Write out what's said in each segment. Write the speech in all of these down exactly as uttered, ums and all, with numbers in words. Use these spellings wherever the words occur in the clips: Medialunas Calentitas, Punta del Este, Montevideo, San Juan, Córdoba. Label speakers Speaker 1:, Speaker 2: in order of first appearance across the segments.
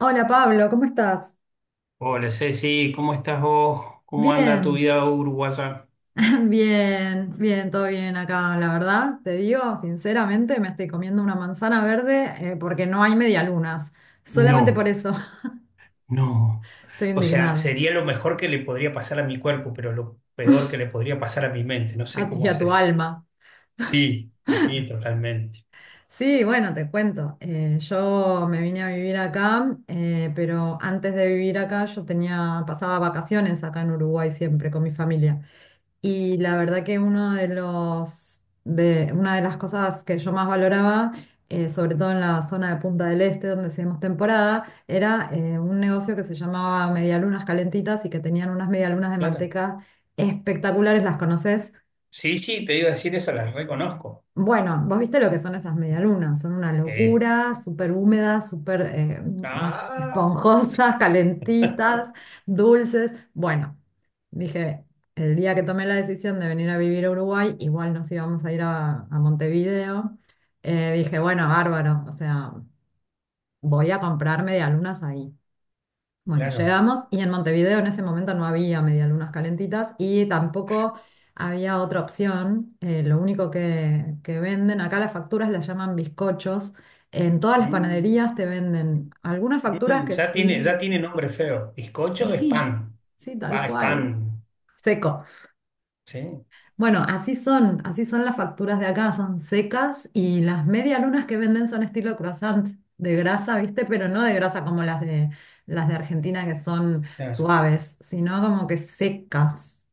Speaker 1: Hola Pablo, ¿cómo estás?
Speaker 2: Hola Ceci, ¿cómo estás vos? ¿Cómo anda tu
Speaker 1: Bien,
Speaker 2: vida uruguaya?
Speaker 1: bien, bien, todo bien acá, la verdad. Te digo, sinceramente, me estoy comiendo una manzana verde eh, porque no hay medialunas. Solamente por
Speaker 2: No,
Speaker 1: eso
Speaker 2: no.
Speaker 1: estoy
Speaker 2: O sea,
Speaker 1: indignada.
Speaker 2: sería lo mejor que le podría pasar a mi cuerpo, pero lo peor que le podría pasar a mi mente. No sé
Speaker 1: A- y
Speaker 2: cómo
Speaker 1: a tu
Speaker 2: haces.
Speaker 1: alma.
Speaker 2: Sí, sí, totalmente.
Speaker 1: Sí, bueno, te cuento. Eh, yo me vine a vivir acá, eh, pero antes de vivir acá yo tenía, pasaba vacaciones acá en Uruguay siempre con mi familia. Y la verdad que uno de los, de, una de las cosas que yo más valoraba, eh, sobre todo en la zona de Punta del Este, donde hacíamos temporada, era eh, un negocio que se llamaba Medialunas Calentitas y que tenían unas medialunas de
Speaker 2: Claro.
Speaker 1: manteca espectaculares, ¿las conoces?
Speaker 2: Sí, sí, te iba a decir eso, las reconozco.
Speaker 1: Bueno, vos viste lo que son esas medialunas, son una
Speaker 2: Eh,
Speaker 1: locura, súper húmedas, súper eh,
Speaker 2: ah,
Speaker 1: esponjosas, calentitas, dulces. Bueno, dije, el día que tomé la decisión de venir a vivir a Uruguay, igual nos íbamos a ir a, a Montevideo, eh, dije, bueno, bárbaro, o sea, voy a comprar medialunas ahí. Bueno,
Speaker 2: claro.
Speaker 1: llegamos y en Montevideo en ese momento no había medialunas calentitas y tampoco había otra opción. Eh, lo único que, que venden, acá las facturas las llaman bizcochos. En todas las
Speaker 2: Mm,
Speaker 1: panaderías te venden
Speaker 2: mm,
Speaker 1: algunas facturas
Speaker 2: mm,
Speaker 1: que
Speaker 2: ya tiene,
Speaker 1: sí,
Speaker 2: ya tiene nombre feo. Bizcocho es
Speaker 1: sí,
Speaker 2: pan.
Speaker 1: sí, tal
Speaker 2: Pa, es
Speaker 1: cual,
Speaker 2: pan.
Speaker 1: seco.
Speaker 2: Sí,
Speaker 1: Bueno, así son, así son las facturas de acá, son secas y las medialunas que venden son estilo croissant de grasa, ¿viste? Pero no de grasa como las de las de Argentina que son
Speaker 2: claro.
Speaker 1: suaves, sino como que secas,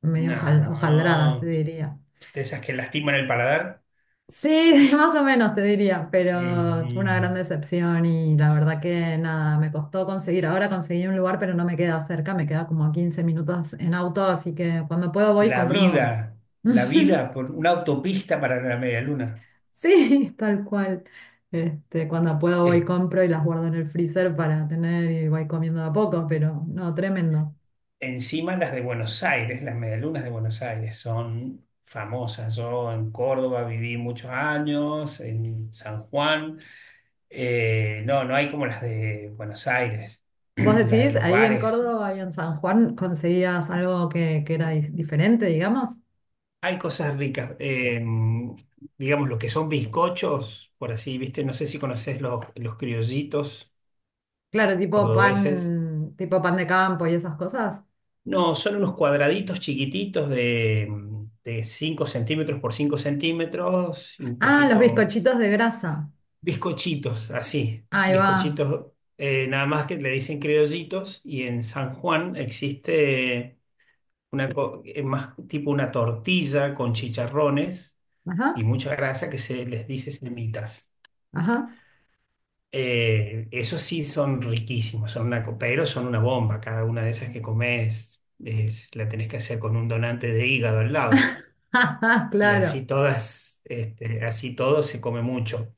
Speaker 1: medio hojal- hojaldradas, te
Speaker 2: No.
Speaker 1: diría.
Speaker 2: De esas que lastiman el paladar.
Speaker 1: Sí, más o menos te diría, pero fue una gran
Speaker 2: Mm,
Speaker 1: decepción y la verdad que nada, me costó conseguir. Ahora conseguí un lugar, pero no me queda cerca, me queda como a quince minutos en auto, así que cuando puedo voy y
Speaker 2: la
Speaker 1: compro.
Speaker 2: vida, la vida por una autopista para la medialuna.
Speaker 1: Sí, tal cual. Este, cuando puedo voy
Speaker 2: Es,
Speaker 1: compro y las guardo en el freezer para tener y voy comiendo de a poco, pero no, tremendo.
Speaker 2: Encima las de Buenos Aires, las medialunas de Buenos Aires son famosas. Yo en Córdoba viví muchos años, en San Juan. Eh, no, no hay como las de Buenos Aires,
Speaker 1: ¿Vos
Speaker 2: las de
Speaker 1: decís,
Speaker 2: los
Speaker 1: ahí en
Speaker 2: bares.
Speaker 1: Córdoba y en San Juan conseguías algo que, que era di- diferente, digamos?
Speaker 2: Hay cosas ricas. Eh, digamos, lo que son bizcochos, por así, ¿viste? No sé si conoces los, los criollitos
Speaker 1: Claro, tipo
Speaker 2: cordobeses.
Speaker 1: pan, tipo pan de campo y esas cosas.
Speaker 2: No, son unos cuadraditos chiquititos de, mm, de cinco centímetros por cinco centímetros y un
Speaker 1: Ah, los
Speaker 2: poquito
Speaker 1: bizcochitos de grasa.
Speaker 2: bizcochitos, así,
Speaker 1: Ahí va.
Speaker 2: bizcochitos, eh, nada más que le dicen criollitos y en San Juan existe una, co- eh, más tipo una tortilla con chicharrones
Speaker 1: Ajá,
Speaker 2: y mucha grasa que se les dice semitas.
Speaker 1: ajá.
Speaker 2: Eh, esos sí son riquísimos, son una, co- pero son una bomba, cada una de esas que comes es- la tenés que hacer con un donante de hígado al lado. Y así
Speaker 1: Claro,
Speaker 2: todas, este, así todo se come mucho.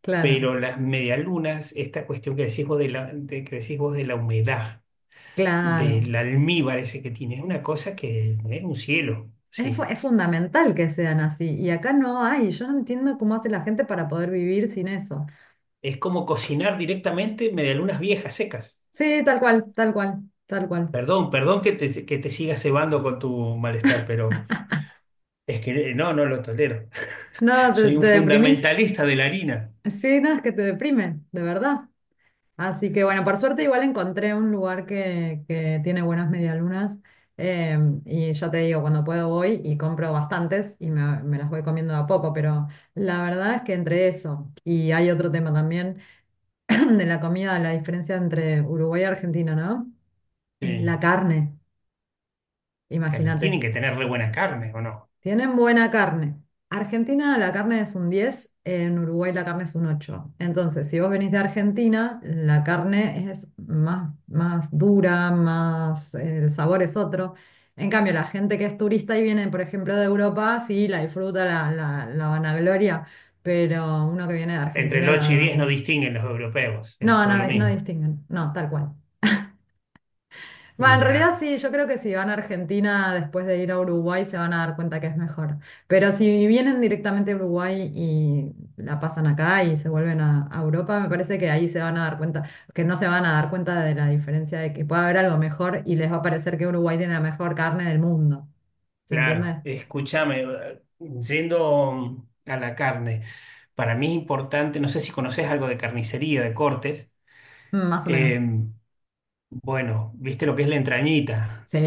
Speaker 1: claro,
Speaker 2: Pero las medialunas, esta cuestión que decís vos de la, de- que decís vos de la humedad,
Speaker 1: claro.
Speaker 2: del almíbar ese que tiene, es una cosa que es un cielo,
Speaker 1: Es, fu-
Speaker 2: sí.
Speaker 1: es fundamental que sean así, y acá no hay, yo no entiendo cómo hace la gente para poder vivir sin eso.
Speaker 2: Es como cocinar directamente medialunas viejas, secas.
Speaker 1: Sí, tal cual, tal cual, tal cual.
Speaker 2: Perdón, perdón que te, que te siga cebando con tu malestar, pero es que no, no lo tolero.
Speaker 1: No, te,
Speaker 2: Soy un
Speaker 1: te deprimís.
Speaker 2: fundamentalista de la harina.
Speaker 1: Sí, no, es que te deprime, de verdad. Así que bueno, por suerte igual encontré un lugar que, que tiene buenas medialunas, eh, y ya te digo, cuando puedo voy y compro bastantes y me, me las voy comiendo de a poco, pero la verdad es que entre eso, y hay otro tema también de la comida, la diferencia entre Uruguay y Argentina, ¿no? Eh,
Speaker 2: Sí.
Speaker 1: La carne,
Speaker 2: Pero tienen
Speaker 1: imagínate.
Speaker 2: que tener re buena carne, ¿o no?
Speaker 1: Tienen buena carne. Argentina la carne es un diez, en Uruguay la carne es un ocho. Entonces, si vos venís de Argentina, la carne es más, más dura, más, eh, el sabor es otro. En cambio, la gente que es turista y viene, por ejemplo, de Europa, sí, la disfruta, la, la, la vanagloria, pero uno que viene de
Speaker 2: Entre el
Speaker 1: Argentina, la
Speaker 2: ocho y
Speaker 1: verdad
Speaker 2: diez no
Speaker 1: que...
Speaker 2: distinguen los europeos,
Speaker 1: No,
Speaker 2: es
Speaker 1: no,
Speaker 2: todo lo
Speaker 1: no
Speaker 2: mismo.
Speaker 1: distinguen, no, tal cual. Va, en realidad
Speaker 2: Mira,
Speaker 1: sí, yo creo que si van a Argentina después de ir a Uruguay se van a dar cuenta que es mejor. Pero si vienen directamente a Uruguay y la pasan acá y se vuelven a, a Europa, me parece que ahí se van a dar cuenta, que no se van a dar cuenta de la diferencia de que puede haber algo mejor y les va a parecer que Uruguay tiene la mejor carne del mundo. ¿Se
Speaker 2: claro,
Speaker 1: entiende?
Speaker 2: escúchame, eh, yendo a la carne, para mí es importante, no sé si conoces algo de carnicería, de cortes,
Speaker 1: Mm, más o
Speaker 2: eh,
Speaker 1: menos.
Speaker 2: bueno, ¿viste lo que es la entrañita?
Speaker 1: Sí,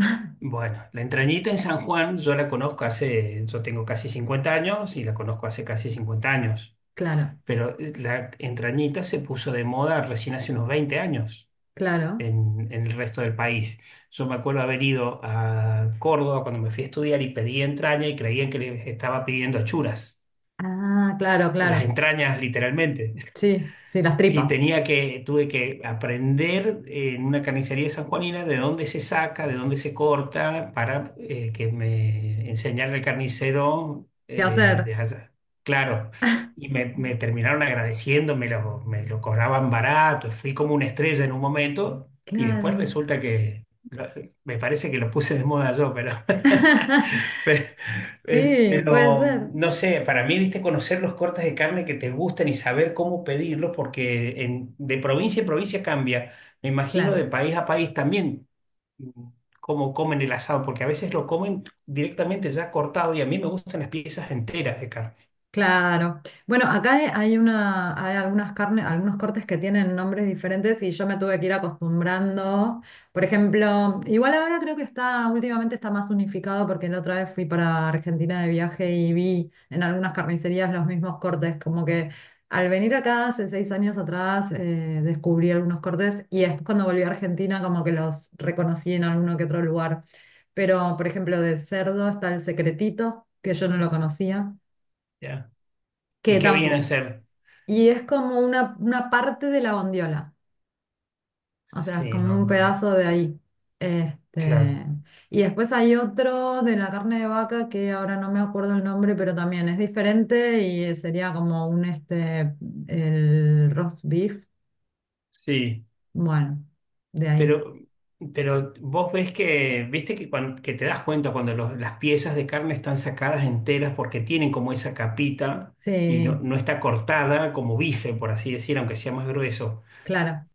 Speaker 2: Bueno, la entrañita en San Juan yo la conozco hace, yo tengo casi cincuenta años y la conozco hace casi cincuenta años,
Speaker 1: claro,
Speaker 2: pero la entrañita se puso de moda recién hace unos veinte años.
Speaker 1: claro.
Speaker 2: en, en el resto del país. Yo me acuerdo haber ido a Córdoba cuando me fui a estudiar y pedí entraña y creían que les estaba pidiendo achuras,
Speaker 1: Ah, claro,
Speaker 2: las
Speaker 1: claro.
Speaker 2: entrañas literalmente.
Speaker 1: Sí, sí, las
Speaker 2: Y
Speaker 1: tripas.
Speaker 2: tenía que, tuve que aprender eh, en una carnicería sanjuanina de dónde se saca, de dónde se corta, para eh, que me enseñara el carnicero
Speaker 1: ¿Qué
Speaker 2: eh,
Speaker 1: hacer?
Speaker 2: de allá. Claro, y me, me terminaron agradeciendo, me lo, me lo cobraban barato, fui como una estrella en un momento, y después
Speaker 1: Claro.
Speaker 2: resulta que, lo- me parece que lo puse de moda yo, pero, Eh,
Speaker 1: Sí, puede
Speaker 2: Pero
Speaker 1: ser.
Speaker 2: no sé, para mí, viste, conocer los cortes de carne que te gustan y saber cómo pedirlos, porque en- de provincia en provincia cambia. Me imagino de
Speaker 1: Claro.
Speaker 2: país a país también mm, cómo comen el asado, porque a veces lo comen directamente ya cortado y a mí me gustan las piezas enteras de carne.
Speaker 1: Claro. Bueno, acá he- hay una, hay algunas carnes, algunos cortes que tienen nombres diferentes y yo me tuve que ir acostumbrando. Por ejemplo, igual ahora creo que está, últimamente está más unificado porque la otra vez fui para Argentina de viaje y vi en algunas carnicerías los mismos cortes. Como que al venir acá hace seis años atrás eh, descubrí algunos cortes y después cuando volví a Argentina como que los reconocí en alguno que otro lugar. Pero, por ejemplo, de cerdo está el secretito, que yo no lo conocía
Speaker 2: ¿Ya? ¿Y
Speaker 1: que
Speaker 2: qué vienen a
Speaker 1: tampoco.
Speaker 2: ser?
Speaker 1: Y es como una, una parte de la bondiola, o sea, es
Speaker 2: Sí,
Speaker 1: como
Speaker 2: no,
Speaker 1: un
Speaker 2: no,
Speaker 1: pedazo de ahí.
Speaker 2: claro.
Speaker 1: Este, y después hay otro de la carne de vaca que ahora no me acuerdo el nombre, pero también es diferente y sería como un este, el roast beef.
Speaker 2: Sí.
Speaker 1: Bueno, de ahí.
Speaker 2: Pero, pero vos ves que, viste que, cuan- que te das cuenta cuando los- las piezas de carne están sacadas enteras porque tienen como esa capita y no,
Speaker 1: Sí,
Speaker 2: no está cortada como bife, por así decir, aunque sea más grueso.
Speaker 1: claro.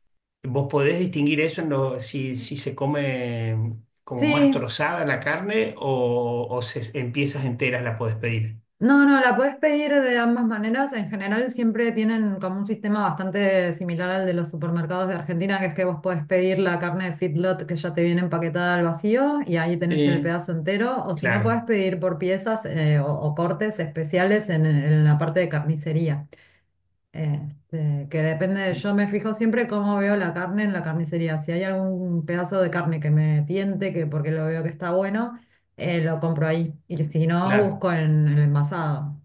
Speaker 2: ¿Vos podés distinguir eso en lo, si, si se come como más
Speaker 1: Sí,
Speaker 2: trozada la carne o, o se, en piezas enteras la podés pedir?
Speaker 1: no, no, la puedes pedir de ambas maneras. En general siempre tienen como un sistema bastante similar al de los supermercados de Argentina, que es que vos podés pedir la carne de feedlot que ya te viene empaquetada al vacío y ahí tenés el
Speaker 2: Sí,
Speaker 1: pedazo entero. O si no, podés
Speaker 2: claro,
Speaker 1: pedir por piezas eh, o, o cortes especiales en, en la parte de carnicería. Este, que depende de, yo me fijo siempre cómo veo la carne en la carnicería. Si hay algún pedazo de carne que me tiente, que porque lo veo que está bueno, eh, lo compro ahí. Y si no,
Speaker 2: claro.
Speaker 1: busco en el envasado.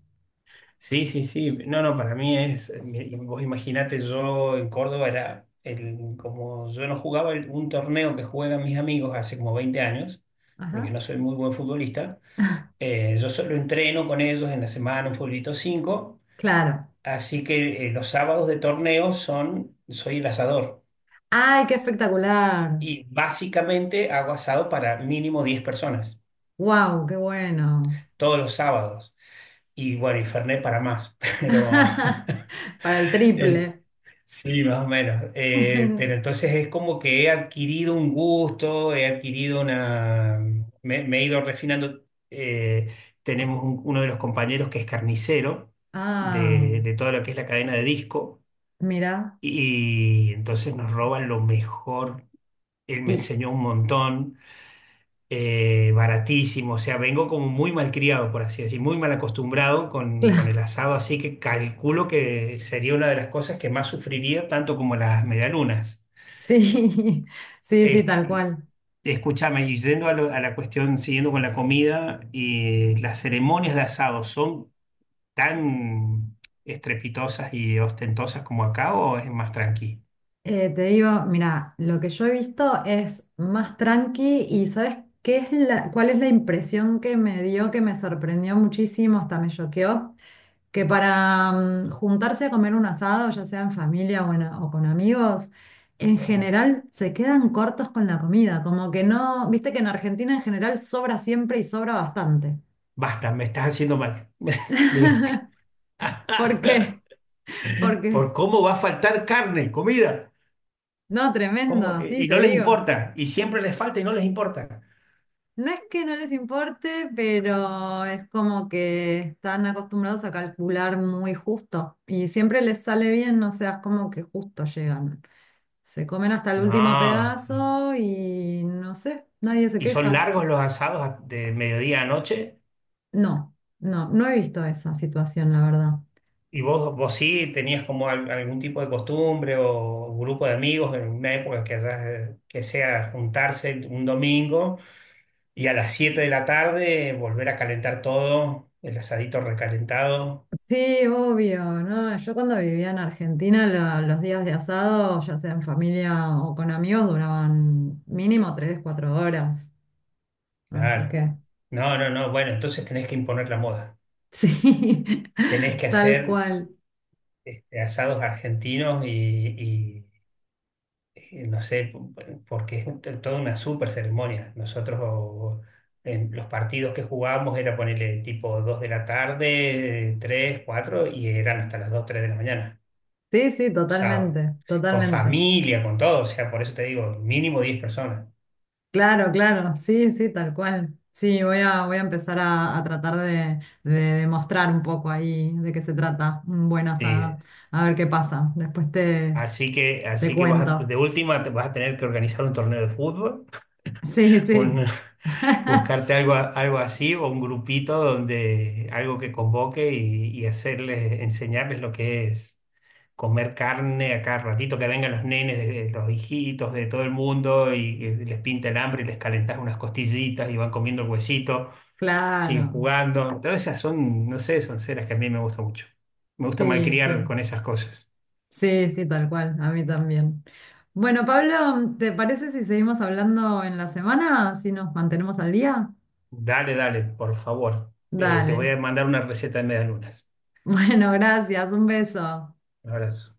Speaker 2: Sí, sí, sí. No, no, para mí es, mi- vos imaginate, yo en Córdoba era, el, como yo no jugaba el- un torneo que juegan mis amigos hace como veinte años, porque
Speaker 1: Ajá,
Speaker 2: no soy muy buen futbolista, eh, yo solo entreno con ellos en la semana, un futbolito cinco
Speaker 1: claro.
Speaker 2: así que eh, los sábados de torneo son, soy el asador.
Speaker 1: ¡Ay, qué espectacular!
Speaker 2: Y básicamente hago asado para mínimo diez personas,
Speaker 1: ¡Wow, qué bueno!
Speaker 2: todos los sábados. Y bueno, y Fernet para más, pero...
Speaker 1: Para el triple.
Speaker 2: Sí, más o menos. Eh, pero entonces es como que he adquirido un gusto, he adquirido una... Me, me he ido refinando. Eh, Tenemos un- uno de los compañeros que es carnicero
Speaker 1: Ah,
Speaker 2: de, de todo lo que es la cadena de disco
Speaker 1: mira.
Speaker 2: y entonces nos roban lo mejor. Él me
Speaker 1: Y
Speaker 2: enseñó un montón eh, baratísimo, o sea, vengo como muy malcriado, por así decir, muy mal acostumbrado con, con el
Speaker 1: claro,
Speaker 2: asado, así que calculo que sería una de las cosas que más sufriría, tanto como las medialunas.
Speaker 1: sí, sí, sí,
Speaker 2: Es-
Speaker 1: tal cual.
Speaker 2: Escúchame, y yendo a, lo- a la cuestión, siguiendo con la comida, y las ceremonias de asado son tan estrepitosas y ostentosas como acá o es más tranqui.
Speaker 1: Eh, te digo, mira, lo que yo he visto es más tranqui. Y ¿sabes qué es la, cuál es la impresión que me dio, que me sorprendió muchísimo, hasta me choqueó? Que para mm, juntarse a comer un asado, ya sea en familia o, en a- o con amigos, en general se quedan cortos con la comida, como que no, viste que en Argentina en general sobra siempre y sobra bastante.
Speaker 2: Basta, me estás haciendo mal. Me lo est-
Speaker 1: ¿Por qué? Porque,
Speaker 2: Por cómo va a faltar carne, comida.
Speaker 1: no,
Speaker 2: ¿Cómo?
Speaker 1: tremendo,
Speaker 2: Eh,
Speaker 1: sí,
Speaker 2: Y
Speaker 1: te
Speaker 2: no les
Speaker 1: digo.
Speaker 2: importa, y siempre les falta y no les importa.
Speaker 1: No es que no les importe, pero es como que están acostumbrados a calcular muy justo y siempre les sale bien, o sea, es como que justo llegan. Se comen hasta el último
Speaker 2: No.
Speaker 1: pedazo y no sé, nadie se
Speaker 2: Y son
Speaker 1: queja.
Speaker 2: largos los asados a- de mediodía a noche.
Speaker 1: No, no, no he visto esa situación, la verdad.
Speaker 2: Y vos, vos sí tenías como al- algún tipo de costumbre o grupo de amigos en una época que, haya- que sea juntarse un domingo y a las siete de la tarde volver a calentar todo, el asadito recalentado.
Speaker 1: Sí, obvio, ¿no? Yo cuando vivía en Argentina, la- los días de asado, ya sea en familia o con amigos, duraban mínimo tres, cuatro horas. Así
Speaker 2: Claro.
Speaker 1: que,
Speaker 2: No, no, no. Bueno, entonces tenés que imponer la moda.
Speaker 1: sí,
Speaker 2: Tenés que
Speaker 1: tal
Speaker 2: hacer
Speaker 1: cual.
Speaker 2: este, asados argentinos y eh, no sé, po- porque es un- toda una super ceremonia. Nosotros o- en los partidos que jugábamos era ponerle tipo dos de la tarde, tres cuatro y eran hasta las dos tres de la mañana,
Speaker 1: Sí, sí,
Speaker 2: sábado,
Speaker 1: totalmente,
Speaker 2: con
Speaker 1: totalmente.
Speaker 2: familia, con todo, o sea, por eso te digo, mínimo diez personas.
Speaker 1: Claro, claro, sí, sí, tal cual. Sí, voy a, voy a empezar a, a tratar de, de demostrar un poco ahí de qué se trata un buen
Speaker 2: Sí.
Speaker 1: asado. A ver qué pasa. Después te,
Speaker 2: Así que,
Speaker 1: te
Speaker 2: así que vas a-
Speaker 1: cuento.
Speaker 2: de última te vas a tener que organizar un torneo de fútbol,
Speaker 1: Sí, sí.
Speaker 2: un- buscarte algo, a- algo así o un grupito donde algo que convoque y, y hacerles, enseñarles lo que es comer carne a cada ratito, que vengan los nenes, de- de los hijitos de todo el mundo y, y les pinta el hambre y les calentás unas costillitas y van comiendo el huesito, siguen
Speaker 1: Claro.
Speaker 2: jugando. Todas esas son, no sé, son ceras que a mí me gusta mucho. Me gusta
Speaker 1: Sí,
Speaker 2: malcriar
Speaker 1: sí.
Speaker 2: con esas cosas.
Speaker 1: Sí, sí, tal cual. A mí también. Bueno, Pablo, ¿te parece si seguimos hablando en la semana? Si nos mantenemos al día.
Speaker 2: Dale, dale, por favor. Eh, te voy
Speaker 1: Dale.
Speaker 2: a mandar una receta de medialunas.
Speaker 1: Bueno, gracias. Un beso.
Speaker 2: Un abrazo.